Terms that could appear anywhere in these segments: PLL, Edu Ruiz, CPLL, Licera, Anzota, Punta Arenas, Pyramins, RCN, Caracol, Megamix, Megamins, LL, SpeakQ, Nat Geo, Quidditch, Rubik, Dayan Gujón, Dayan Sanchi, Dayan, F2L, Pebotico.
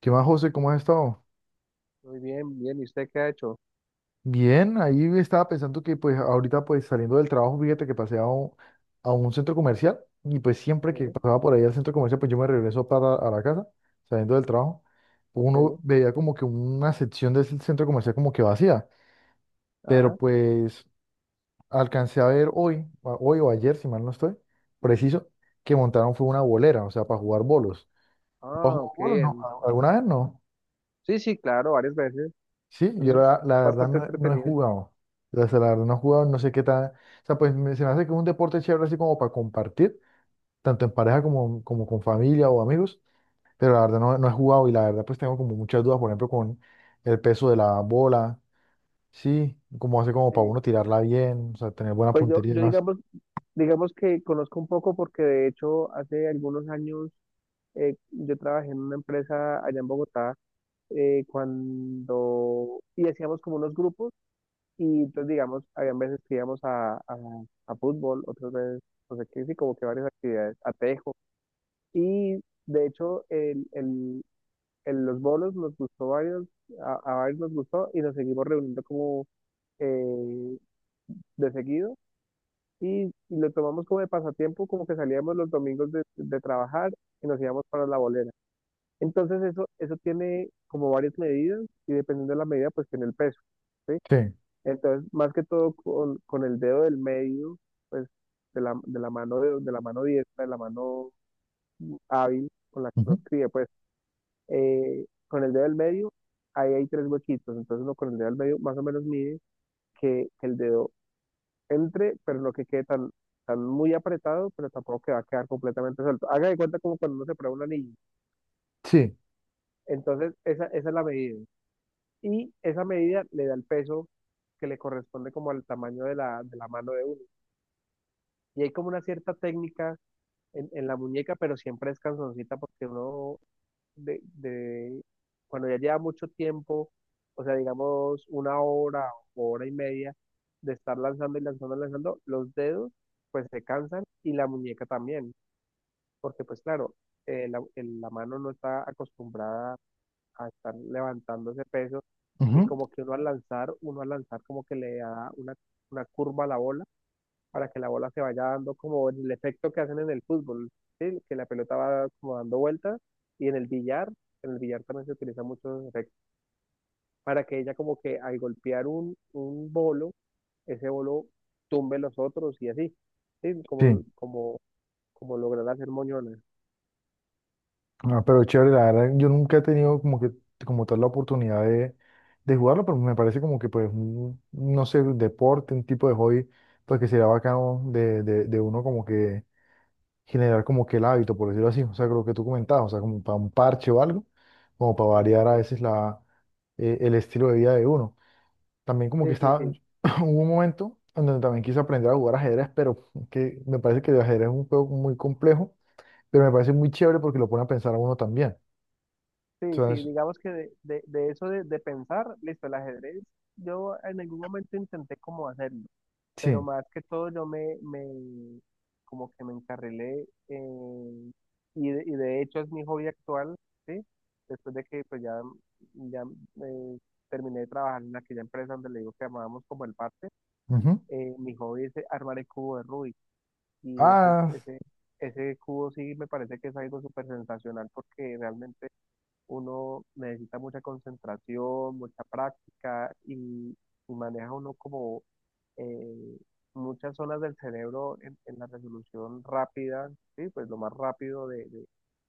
¿Qué más, José? ¿Cómo has estado? Muy bien, bien. ¿Y usted qué ha hecho? Bien, ahí estaba pensando que pues ahorita pues saliendo del trabajo, fíjate que pasé a un centro comercial y pues siempre que Sí, pasaba por ahí al centro comercial pues yo me regreso para a la casa saliendo del trabajo. sí. Uno veía como que una sección del centro comercial como que vacía, pero Ajá. pues alcancé a ver hoy, hoy o ayer, si mal no estoy, preciso, que montaron fue una bolera, o sea, para jugar bolos. ¿Has Ah, jugado qué bolos? No, bien. ¿alguna vez no? Sí, sí, claro, varias veces. Sí, yo Eso es la verdad bastante no, no he entretenido. jugado. O sea, la verdad no he jugado, no sé qué tal. O sea, pues se me hace que es un deporte chévere así como para compartir, tanto en pareja como con familia o amigos, pero la verdad no, no he jugado y la verdad pues tengo como muchas dudas, por ejemplo, con el peso de la bola, sí, como hace como para Sí. uno tirarla bien, o sea, tener buena Pues yo, puntería y yo demás. digamos que conozco un poco porque de hecho hace algunos años yo trabajé en una empresa allá en Bogotá cuando y hacíamos como unos grupos y entonces digamos, habían veces que íbamos a fútbol, otras veces, no sé qué, sí, como que varias actividades, a tejo. Y de hecho, el en los bolos nos gustó varios, a varios nos gustó y nos seguimos reuniendo como eh, de seguido y lo tomamos como de pasatiempo, como que salíamos los domingos de trabajar y nos íbamos para la bolera. Entonces eso tiene como varias medidas y dependiendo de la medida pues tiene el peso, ¿sí? Sí, Entonces más que todo con el dedo del medio, pues de la mano, de la mano diestra, de la mano hábil con la que nos ujú. críe, pues con el dedo del medio, ahí hay tres huequitos, entonces uno con el dedo del medio más o menos mide que el dedo entre, pero no que quede tan muy apretado, pero tampoco que va a quedar completamente suelto. Haga de cuenta como cuando uno se prueba un anillo. Sí, Entonces, esa es la medida. Y esa medida le da el peso que le corresponde como al tamaño de la mano de uno. Y hay como una cierta técnica en la muñeca, pero siempre es canzoncita porque uno de cuando ya lleva mucho tiempo, o sea, digamos una hora o hora y media de estar lanzando y lanzando y lanzando, los dedos pues se cansan y la muñeca también, porque pues claro, la mano no está acostumbrada a estar levantando ese peso y ujú, como que uno al lanzar, como que le da una curva a la bola para que la bola se vaya dando como el efecto que hacen en el fútbol, ¿sí? Que la pelota va como dando vueltas y en el billar, también se utilizan muchos efectos para que ella como que al golpear un bolo, ese bolo tumbe los otros y así, ¿sí? Como, sí. como, como lograr hacer moñones. Ah, pero chévere, la verdad, yo nunca he tenido como que como tal la oportunidad de jugarlo, pero me parece como que pues un, no sé, un deporte, un tipo de hobby, pues que sería bacano de uno como que generar como que el hábito, por decirlo así, o sea, lo que tú comentabas, o sea, como para un parche o algo, como para Sí, variar a sí, veces la, el estilo de vida de uno. También como que sí, sí, estaba, sí, hubo un momento en donde también quise aprender a jugar ajedrez, pero que me parece que el ajedrez es un juego muy complejo, pero me parece muy chévere porque lo pone a pensar a uno también. sí, sí, digamos que de eso de pensar, listo, el ajedrez, yo en algún momento intenté como hacerlo, pero Sí. más que todo yo me como que me y de hecho es mi hobby actual, ¿sí? Después de que pues ya eh, terminé de trabajar en aquella empresa donde le digo que amábamos como el parte, Ujú. Mi hobby es armar el cubo de Rubik y ese, Ah, ese, ese cubo sí me parece que es algo súper sensacional porque realmente uno necesita mucha concentración, mucha práctica y maneja uno como eh, muchas zonas del cerebro en la resolución rápida, ¿sí? Pues lo más rápido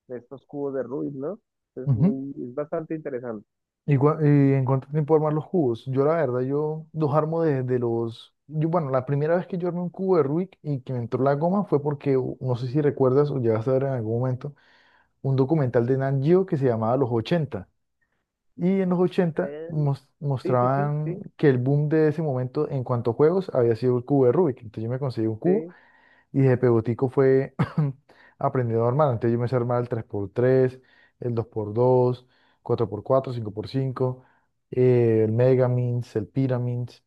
de estos cubos de Rubik, ¿no? Es ujú. muy, es bastante interesante. ¿Y, y en cuánto tiempo armar los cubos? Yo la verdad, yo los armo de los... Yo, bueno, la primera vez que yo armé un cubo de Rubik y que me entró la goma fue porque, no sé si recuerdas o llegaste a ver en algún momento, un documental de Nat Geo que se llamaba Los ochenta. Y en los ochenta Eh, sí, sí, sí, mostraban sí, que el boom de ese momento en cuanto a juegos había sido el cubo de Rubik. Entonces yo me conseguí un cubo. sí. Y de Pebotico fue aprendiendo a armar. Entonces yo me sé armar el 3x3, el 2x2, 4x4, 5x5, el Megamins, el Pyramins.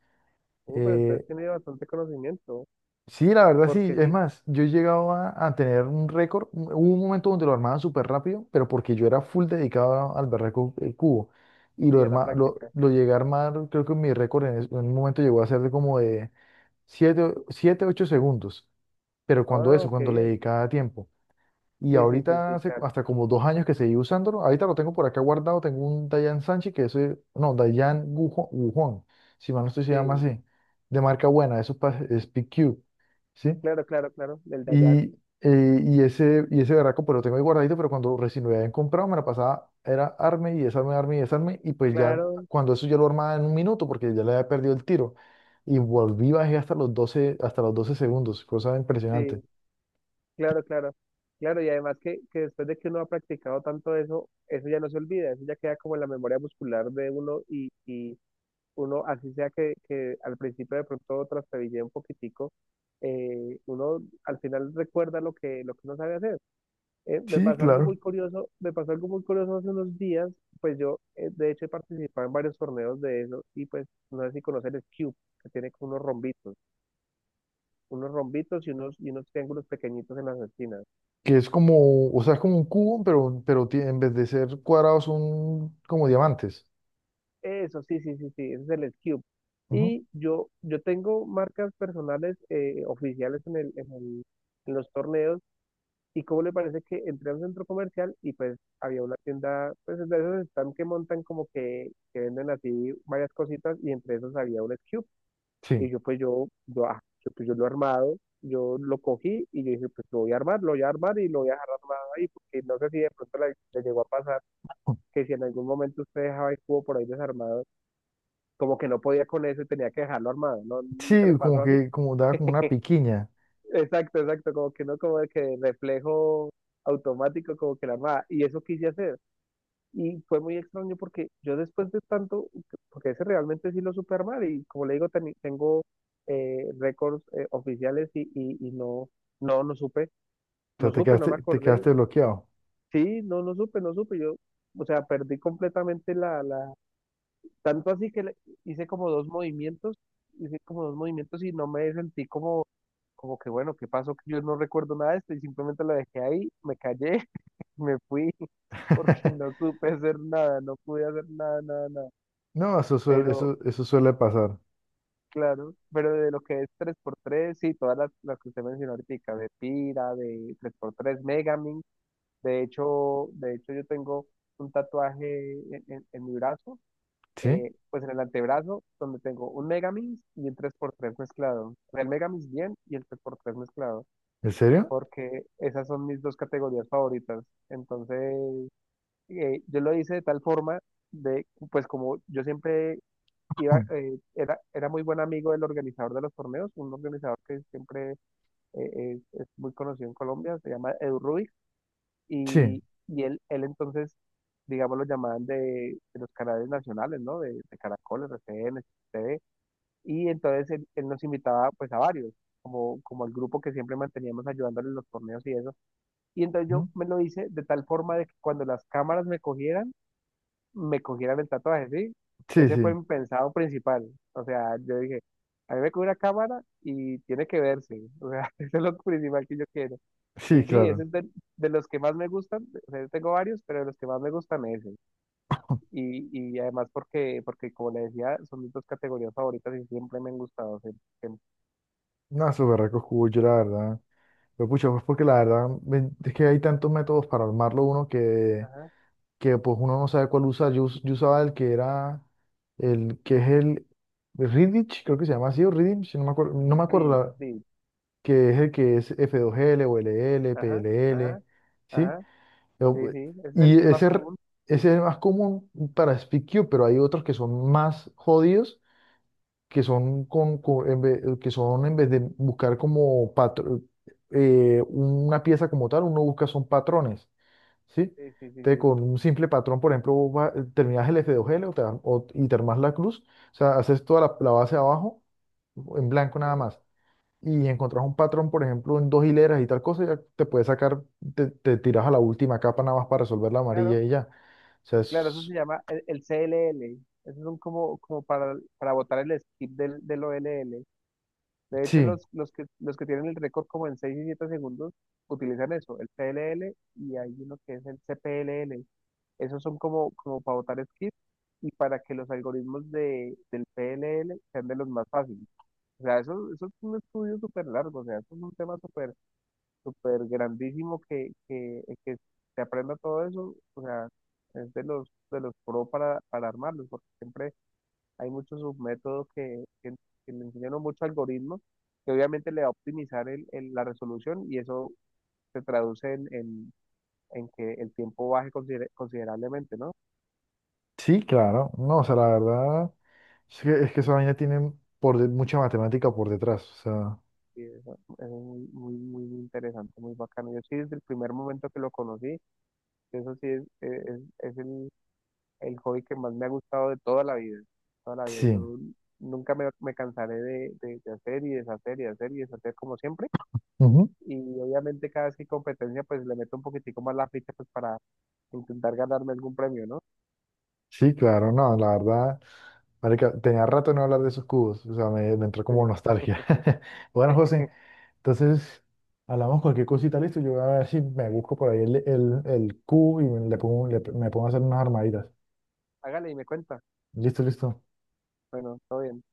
Pero entonces eh, tiene bastante conocimiento, sí, la verdad sí. porque Es sí, más, yo he llegado a tener un récord. Hubo un momento donde lo armaba súper rápido, pero porque yo era full dedicado al berraco el cubo. Y lo, sí, a la arma- lo, práctica. lo llegué a armar, creo que mi récord en un momento llegó a ser de como de 7, 7 u 8 segundos. Pero cuando Ah, eso, qué cuando le bien. dedicaba tiempo. Y Sí, sí, sí, ahorita sí, hace claro. hasta como 2 años que seguí usándolo. Ahorita lo tengo por acá guardado. Tengo un Dayan Sanchi que ese, no, Dayan Gujón, si mal no estoy, se llama Sí, así, de marca buena, eso es, es PQ, ¿sí? claro, claro, claro. Del Dayan. Y, y ese berraco, pero lo tengo ahí guardadito, pero cuando recién lo habían comprado, me la pasaba, era arme y desarme, y pues ya, Claro, cuando eso ya lo armaba en 1 minuto, porque ya le había perdido el tiro. Y volví, bajé hasta los 12 segundos, cosa impresionante. sí. Claro, claro, claro, y además que después de que uno ha practicado tanto eso, eso ya no se olvida, eso ya queda como en la memoria muscular de uno y uno, así sea que al principio de pronto trastabillea un poquitico, uno al final recuerda lo que uno sabe hacer. Me Sí, pasó algo muy claro. curioso, me pasó algo muy curioso hace unos días, pues yo de hecho he participado en varios torneos de eso y pues no sé si conocer el cube, que tiene como unos rombitos y unos triángulos pequeñitos en las esquinas. Que es como, o sea, es como un cubo, pero, en vez de ser cuadrados son como diamantes. Eso, sí, sí, sí, sí, ese es el Cube. Ujú. Y yo tengo marcas personales oficiales en los torneos. ¿Y cómo le parece que entré a un centro comercial y pues había una tienda, pues de esos están que montan como que venden así varias cositas y entre esos había un Cube. Y Sí, yo pues yo, ah, yo, pues, yo lo he armado, yo lo cogí y yo dije pues lo voy a armar, lo voy a armar y lo voy a dejar armado ahí porque no sé si de pronto le llegó a pasar que si en algún momento usted dejaba el cubo por ahí desarmado como que no podía con eso y tenía que dejarlo armado. No, nunca le sí, como pasó así. que como daba como una piquiña. Exacto, exacto, como que no, como de que reflejo automático, como que la armaba. Y eso quise hacer. Y fue muy extraño porque yo después de tanto, porque ese realmente sí lo supe armar y como le digo, tengo récords oficiales y no, no, no supe, O sea, no supe, no me te acordé. quedaste bloqueado. Sí, no, no supe, no supe. Yo, o sea, perdí completamente tanto así que hice como dos movimientos, hice como dos movimientos, y no me sentí como que bueno, ¿qué pasó? Que yo no recuerdo nada de esto y simplemente lo dejé ahí, me callé, me fui, porque no supe hacer nada, no pude hacer nada, nada, nada. No, Pero, eso suele pasar. claro, pero de lo que es tres por tres sí, todas las que usted mencionó ahorita, de Pira, de tres por tres Megamin, de hecho yo tengo un tatuaje en en mi brazo ¿Sí? Pues en el antebrazo, donde tengo un Megamix y un tres por tres mezclado. El Megamix bien y el tres por tres mezclado, ¿En serio? porque esas son mis dos categorías favoritas. Entonces, yo lo hice de tal forma de, pues como yo siempre iba, Ujú. Era muy buen amigo del organizador de los torneos, un organizador que siempre es muy conocido en Colombia, se llama Edu Ruiz Sí. y, y él entonces, digamos, lo llamaban de los canales nacionales, ¿no? De Caracol, RCN, TV. Y entonces él nos invitaba pues a varios, como el grupo que siempre manteníamos ayudándole en los torneos y eso. Y entonces yo Ujú. me lo hice de tal forma de que cuando las cámaras me cogieran el tatuaje, ¿sí? Sí, Ese fue sí. mi pensado principal. O sea, yo dije, a mí me coge una cámara y tiene que verse. O sea, eso es lo principal que yo quiero. Sí, Y sí, ese claro. es de los que más me gustan, o sea, yo tengo varios, pero de los que más me gustan es ese. Y, y además porque como le decía, son mis dos categorías favoritas y siempre me han gustado. Siempre. No, esos berracos cubos, yo la verdad. Pero pucha, pues porque la verdad es que hay tantos métodos para armarlo uno Ajá, que pues uno no sabe cuál usar. Yo, yo usaba el que era, el que es el Quidditch, creo que se llama así, o Quidditch, no me acuerdo, no el me acuerdo free, free. que es el que es F2L o LL, Ajá, ajá, PLL, ¿sí? ajá. Yo, Sí, sí, ese es el, y el más ese, común. ese es el más común para SpeakQ, pero hay otros que son más jodidos, que son, en vez, que son en vez de buscar como una pieza como tal, uno busca son patrones. ¿Sí? Sí, sí, sí, Te, sí. con un simple patrón, por ejemplo, terminás el F2L y te armás la cruz, o sea, haces toda la, la base abajo en blanco nada Sí, más. Y encontrás un patrón, por ejemplo, en 2 hileras y tal cosa, ya te puedes sacar, te tiras a la última capa nada más para resolver la amarilla claro, y ya. O sea, claro, eso es- se llama el c l l. Eso son como para botar el skip del o l l. De hecho, sí, los que tienen el récord como en seis y 7 segundos utilizan eso, el PLL y hay uno que es el CPLL. Esos son como para botar skip y para que los algoritmos del PLL sean de los más fáciles. O sea, eso es un estudio súper largo, o sea, eso es un tema súper súper grandísimo que se aprenda todo eso. O sea, es de los pro para armarlos, porque siempre hay muchos submétodos que le enseñan muchos algoritmos que obviamente le va a optimizar la resolución y eso se traduce en que el tiempo baje considerablemente, ¿no? sí, claro. No, o sea, la verdad es que esa vaina tiene mucha matemática por detrás. O sea, Y eso es muy, muy, muy interesante, muy bacano. Yo sí, desde el primer momento que lo conocí, eso sí es el hobby que más me ha gustado de toda la vida. Toda la vida. sí. Yo nunca me cansaré de hacer y deshacer y hacer y deshacer como siempre Ujú. y obviamente cada vez que hay competencia pues le meto un poquitico más la ficha pues para intentar ganarme algún premio, ¿no? Sí, claro, no, la verdad. Marica, tenía rato de no hablar de esos cubos, o sea, me entró Sí, como nostalgia. Bueno, José, entonces hablamos cualquier cosita, listo. Yo voy a ver si me busco por ahí el cubo y me pongo a hacer unas armaditas. hágale y me cuenta. Listo, listo. Bueno, todo bien.